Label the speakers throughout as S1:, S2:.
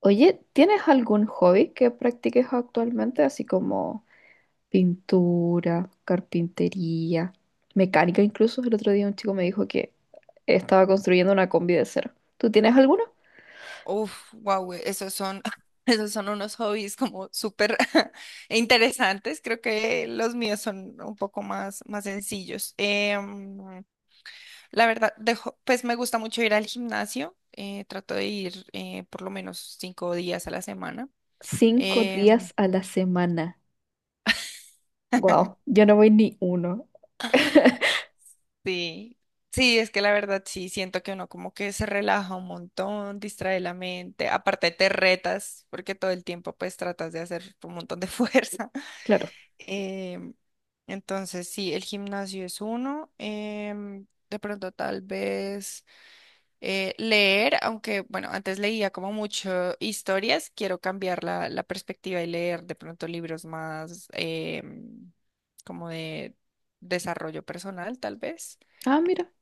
S1: Oye, ¿tienes algún hobby que practiques actualmente, así como pintura, carpintería, mecánica? Incluso el otro día un chico me dijo que estaba construyendo una combi de cero. ¿Tú tienes alguno?
S2: Uf, wow, esos son unos hobbies como súper interesantes. Creo que los míos son un poco más sencillos. La verdad, pues me gusta mucho ir al gimnasio. Trato de ir por lo menos 5 días a la semana.
S1: Cinco
S2: Em,
S1: días a la semana. Wow, yo no voy ni uno.
S2: sí, sí, es que la verdad sí, siento que uno como que se relaja un montón, distrae la mente. Aparte te retas porque todo el tiempo pues tratas de hacer un montón de fuerza.
S1: Claro.
S2: Em, entonces, sí, el gimnasio es uno. De pronto, tal vez leer, aunque, bueno, antes leía como mucho historias, quiero cambiar la perspectiva y leer de pronto libros más como de desarrollo personal, tal vez.
S1: Ah, mira.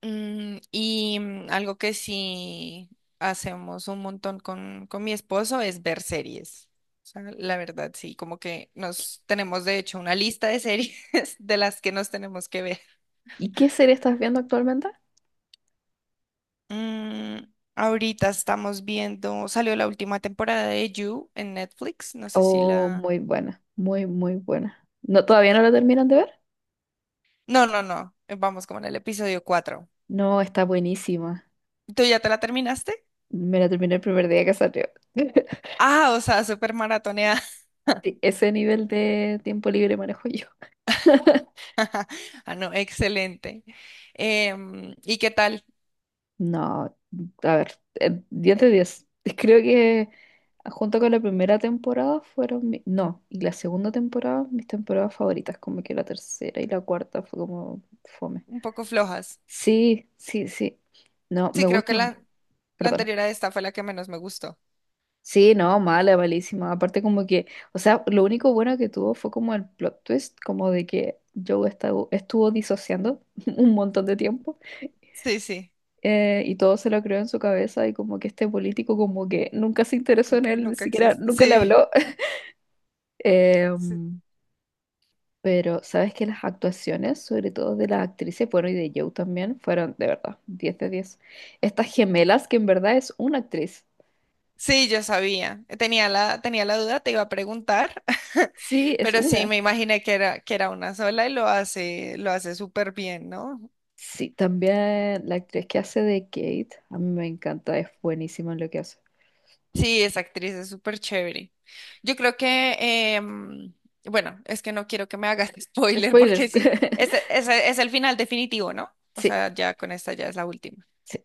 S2: Algo que sí hacemos un montón con, mi esposo es ver series. O sea, la verdad, sí, como que nos tenemos de hecho una lista de series de las que nos tenemos que ver.
S1: ¿Y qué serie estás viendo actualmente?
S2: Ahorita estamos viendo, salió la última temporada de You en Netflix, no sé si
S1: Oh,
S2: la...
S1: muy buena, muy, muy buena. ¿No, todavía no la terminan de ver?
S2: No, no, no, vamos como en el episodio cuatro.
S1: No, está buenísima.
S2: ¿Tú ya te la terminaste?
S1: Me la terminé el primer día que salió.
S2: Ah, o sea, súper maratoneada.
S1: Sí, ese nivel de tiempo libre manejo yo.
S2: Ah, no, excelente. ¿Y qué tal?
S1: No, a ver, 10 de
S2: eh,
S1: diez. Creo que junto con la primera temporada fueron, no, y la segunda temporada, mis temporadas favoritas, como que la tercera y la cuarta fue como fome.
S2: un poco flojas.
S1: Sí, sí, sí. No,
S2: Sí,
S1: me
S2: creo que
S1: gusta,
S2: la
S1: perdón.
S2: anterior a esta fue la que menos me gustó.
S1: Sí, no, mala, malísima. Aparte como que, o sea, lo único bueno que tuvo fue como el plot twist, como de que Joe estuvo disociando un montón de tiempo.
S2: Sí, sí,
S1: Y todo se lo creó en su cabeza y como que este político como que nunca se interesó en él, ni
S2: nunca
S1: siquiera
S2: existe.
S1: nunca le
S2: Sí,
S1: habló.
S2: sí,
S1: Em, pero sabes que las actuaciones, sobre todo de las actrices, bueno, y de Joe también, fueron de verdad 10 de 10. Estas gemelas que en verdad es una actriz.
S2: sí, yo sabía. Tenía la duda, te iba a preguntar,
S1: Sí, es
S2: pero sí,
S1: una.
S2: me imaginé que que era una sola y lo hace súper bien, ¿no?
S1: Sí, también la actriz que hace de Kate, a mí me encanta, es buenísima en lo que hace.
S2: Sí, esa actriz es súper chévere. Yo creo que, em, bueno, es que no quiero que me hagas spoiler porque
S1: Spoilers.
S2: sí, ese es el final definitivo, ¿no? O
S1: Sí,
S2: sea, ya con esta ya es la última.
S1: sí.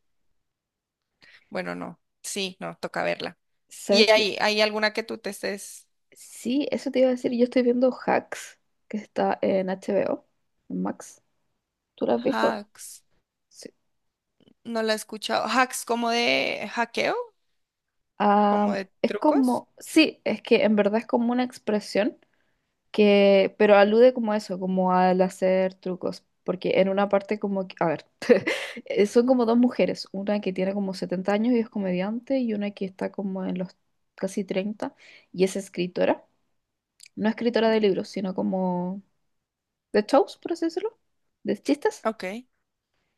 S2: Bueno, no. Sí, no, toca verla.
S1: ¿Sabes
S2: ¿Y
S1: qué?
S2: hay alguna que tú te estés?
S1: Sí, eso te iba a decir. Yo estoy viendo Hacks, que está en HBO, en Max. ¿Tú lo has visto?
S2: Hacks.
S1: Sí.
S2: No la he escuchado. ¿Hacks como de hackeo? ¿Como
S1: Am,
S2: de
S1: es
S2: trucos?
S1: como, sí, es que en verdad es como una expresión pero alude como a eso, como al hacer trucos. Porque en una parte como, a ver, son como dos mujeres, una que tiene como 70 años y es comediante y una que está como en los casi 30 y es escritora. No escritora de
S2: Mm,
S1: libros, sino como de shows, por así decirlo, de chistes.
S2: ok.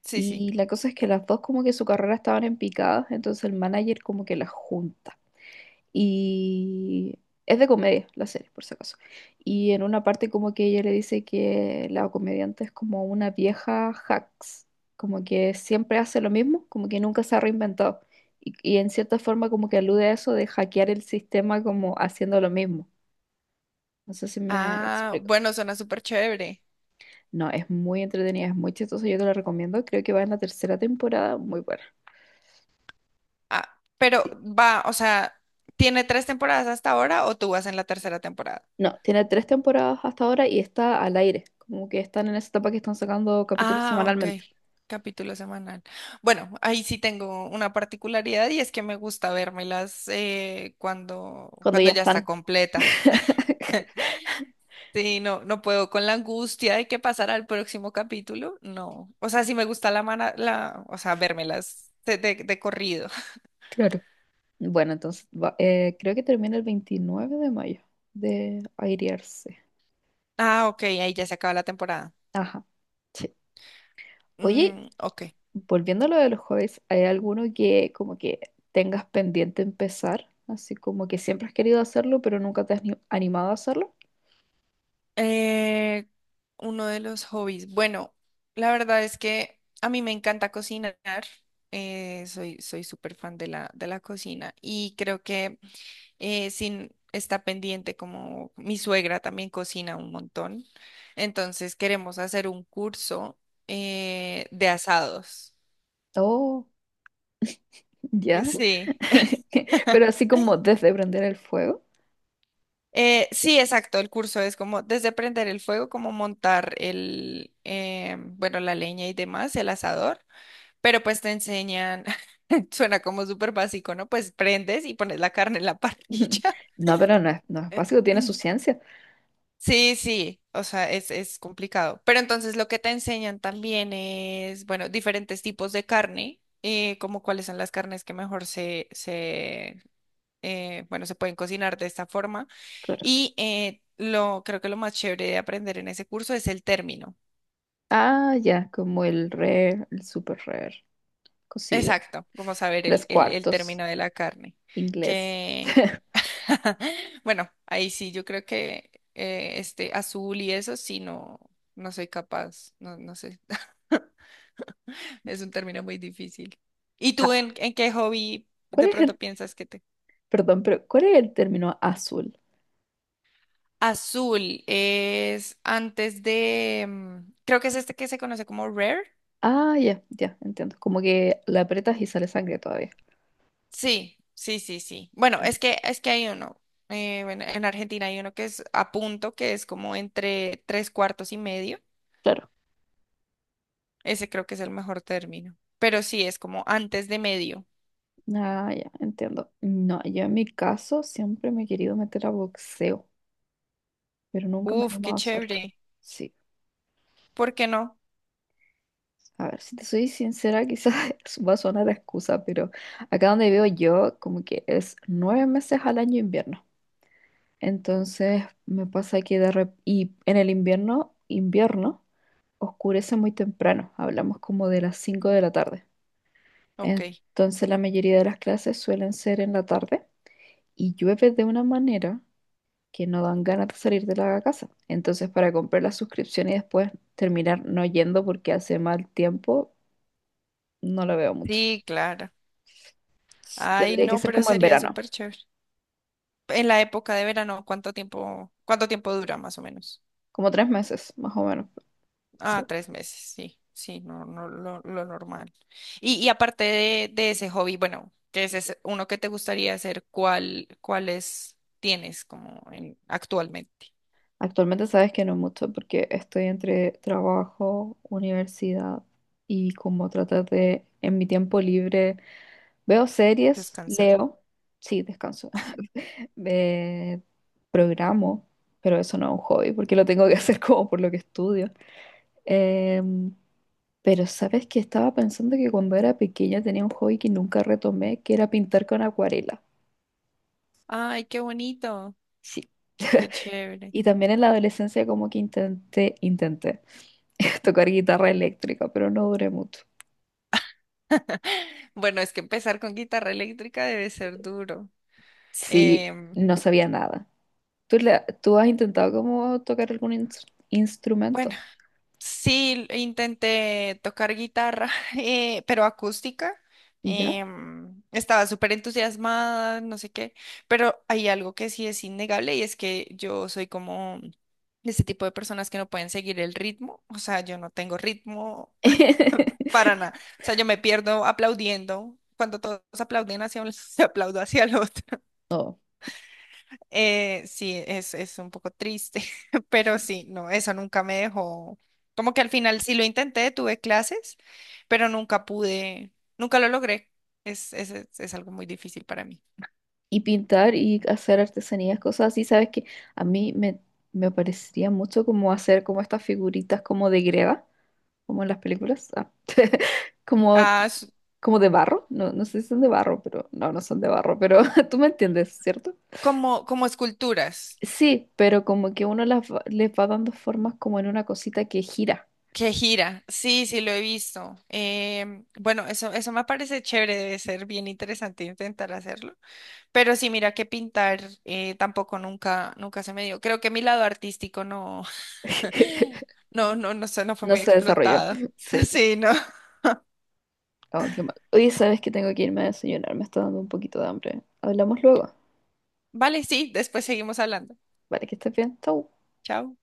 S2: Sí, sí.
S1: Y la cosa es que las dos como que su carrera estaban en picadas, entonces el manager como que las junta. Y es de comedia la serie, por si acaso. Y en una parte como que ella le dice que la comediante es como una vieja hacks, como que siempre hace lo mismo, como que nunca se ha reinventado. Y en cierta forma como que alude a eso de hackear el sistema como haciendo lo mismo. No sé si me
S2: Ah,
S1: explico.
S2: bueno, suena súper chévere.
S1: No, es muy entretenida, es muy chistosa, yo te la recomiendo. Creo que va en la tercera temporada, muy buena.
S2: Ah, pero va, o sea, ¿tiene tres temporadas hasta ahora o tú vas en la tercera temporada?
S1: No, tiene 3 temporadas hasta ahora y está al aire. Como que están en esa etapa que están sacando capítulos
S2: Ah, ok.
S1: semanalmente,
S2: Capítulo semanal. Bueno, ahí sí tengo una particularidad y es que me gusta vérmelas
S1: cuando
S2: cuando
S1: ya
S2: ya está
S1: están.
S2: completa. Sí, no, no puedo con la angustia de que pasará el próximo capítulo. No. O sea, sí me gusta la mana, la, o sea, vérmelas de corrido.
S1: Claro. Bueno, entonces creo que termina el 29 de mayo de airearse. Sí.
S2: Ah, ok, ahí ya se acaba la temporada.
S1: Ajá. Sí. Oye,
S2: Mm, ok.
S1: volviendo a lo de los hobbies, ¿hay alguno que como que tengas pendiente empezar? Así como que siempre has querido hacerlo, pero nunca te has animado a hacerlo.
S2: Eh, uno de los hobbies. Bueno, la verdad es que a mí me encanta cocinar. Soy súper fan de de la cocina y creo que sin, está pendiente como mi suegra también cocina un montón. Entonces queremos hacer un curso de asados.
S1: Oh, ya.
S2: Sí.
S1: Pero así como desde prender el fuego.
S2: Sí, exacto. El curso es como desde prender el fuego, como montar bueno, la leña y demás, el asador. Pero pues te enseñan, suena como súper básico, ¿no? Pues prendes y pones la carne en la parrilla.
S1: No, pero no es básico, tiene su ciencia.
S2: Sí, sí, o sea, es complicado. Pero entonces lo que te enseñan también es, bueno, diferentes tipos de carne, como cuáles son las carnes que mejor bueno, se pueden cocinar de esta forma.
S1: Claro.
S2: Y creo que lo más chévere de aprender en ese curso es el término.
S1: Ah, ya, como el rare, el super rare, cocido.
S2: Exacto, como saber
S1: Tres
S2: el
S1: cuartos,
S2: término de la carne.
S1: inglés.
S2: Que, bueno, ahí sí, yo creo que este azul y eso sí no, no soy capaz, no, no sé. Es un término muy difícil. ¿Y tú
S1: Ah,
S2: en qué hobby
S1: ¿cuál
S2: de
S1: es
S2: pronto
S1: el,
S2: piensas que te...
S1: perdón, pero cuál es el término azul?
S2: Azul es antes de... Creo que es este que se conoce como Rare.
S1: Ah, ya, ya, entiendo. Como que la aprietas y sale sangre todavía.
S2: Sí, sí, sí, sí. Bueno, es que hay uno. Bueno, en Argentina hay uno que es a punto, que es como entre tres cuartos y medio.
S1: Claro.
S2: Ese creo que es el mejor término. Pero sí, es como antes de medio.
S1: Ah, ya, entiendo. No, yo en mi caso siempre me he querido meter a boxeo, pero nunca me he
S2: Uf, qué
S1: animado a hacerlo.
S2: chévere.
S1: Sí.
S2: ¿Por qué no?
S1: A ver, si te soy sincera, quizás va a sonar a excusa, pero acá donde vivo yo, como que es 9 meses al año invierno. Entonces me pasa que y en el invierno, invierno, oscurece muy temprano, hablamos como de las 5 de la tarde.
S2: Ok.
S1: Entonces la mayoría de las clases suelen ser en la tarde y llueve de una manera que no dan ganas de salir de la casa. Entonces para comprar la suscripción y después terminar no yendo porque hace mal tiempo, no lo veo mucho.
S2: Sí, claro.
S1: Sí,
S2: Ay,
S1: tendría que
S2: no,
S1: ser
S2: pero
S1: como en
S2: sería
S1: verano,
S2: súper chévere. En la época de verano, cuánto tiempo dura más o menos?
S1: como 3 meses, más o menos.
S2: Ah,
S1: Sí.
S2: 3 meses, sí, sí, no, no, lo normal. Y aparte de ese hobby, bueno, que ese es uno que te gustaría hacer, ¿cuál, cuáles tienes como actualmente?
S1: Actualmente sabes que no mucho porque estoy entre trabajo, universidad y como tratar de, en mi tiempo libre, veo series,
S2: Descansar.
S1: leo, sí, descanso, eh, programo, pero eso no es un hobby porque lo tengo que hacer como por lo que estudio. Em, pero sabes que estaba pensando que cuando era pequeña tenía un hobby que nunca retomé, que era pintar con acuarela.
S2: Ay, qué bonito,
S1: Sí.
S2: qué chévere.
S1: Y también en la adolescencia como que intenté tocar guitarra eléctrica, pero no duré mucho.
S2: Bueno, es que empezar con guitarra eléctrica debe ser duro.
S1: Sí,
S2: Em,
S1: no sabía nada. ¿Tú has intentado como tocar algún
S2: Bueno,
S1: instrumento?
S2: Sí, intenté tocar guitarra, pero acústica.
S1: ¿Ya?
S2: Estaba súper entusiasmada, no sé qué, pero hay algo que sí es innegable y es que yo soy como de ese tipo de personas que no pueden seguir el ritmo, o sea, yo no tengo ritmo para nada, o sea, yo me pierdo aplaudiendo, cuando todos aplauden hacia un lado, yo aplaudo hacia el otro.
S1: No.
S2: Sí, es un poco triste, pero sí, no, eso nunca me dejó. Como que al final sí lo intenté, tuve clases, pero nunca pude, nunca lo logré. Es algo muy difícil para mí.
S1: Y pintar y hacer artesanías, cosas así, sabes que a mí me parecería mucho como hacer como estas figuritas como de greda, como en las películas, ah, como,
S2: Ah,
S1: como de barro, no, no sé si son de barro, pero no, no son de barro, pero tú me entiendes, ¿cierto?
S2: como esculturas,
S1: Sí, pero como que uno las les va dando formas como en una cosita que gira.
S2: que gira. Sí, sí, lo he visto. Bueno, eso me parece chévere, debe ser bien interesante intentar hacerlo. Pero sí, mira que pintar tampoco nunca se me dio. Creo que mi lado artístico no. No, no, no sé, no fue
S1: No
S2: muy
S1: se desarrolló.
S2: explotado.
S1: Sí.
S2: Sí, no.
S1: Oh, qué mal. Oye, sabes que tengo que irme a desayunar, me está dando un poquito de hambre. Hablamos luego.
S2: Vale, sí, después seguimos hablando.
S1: Vale, que estés bien. Chau.
S2: Chao.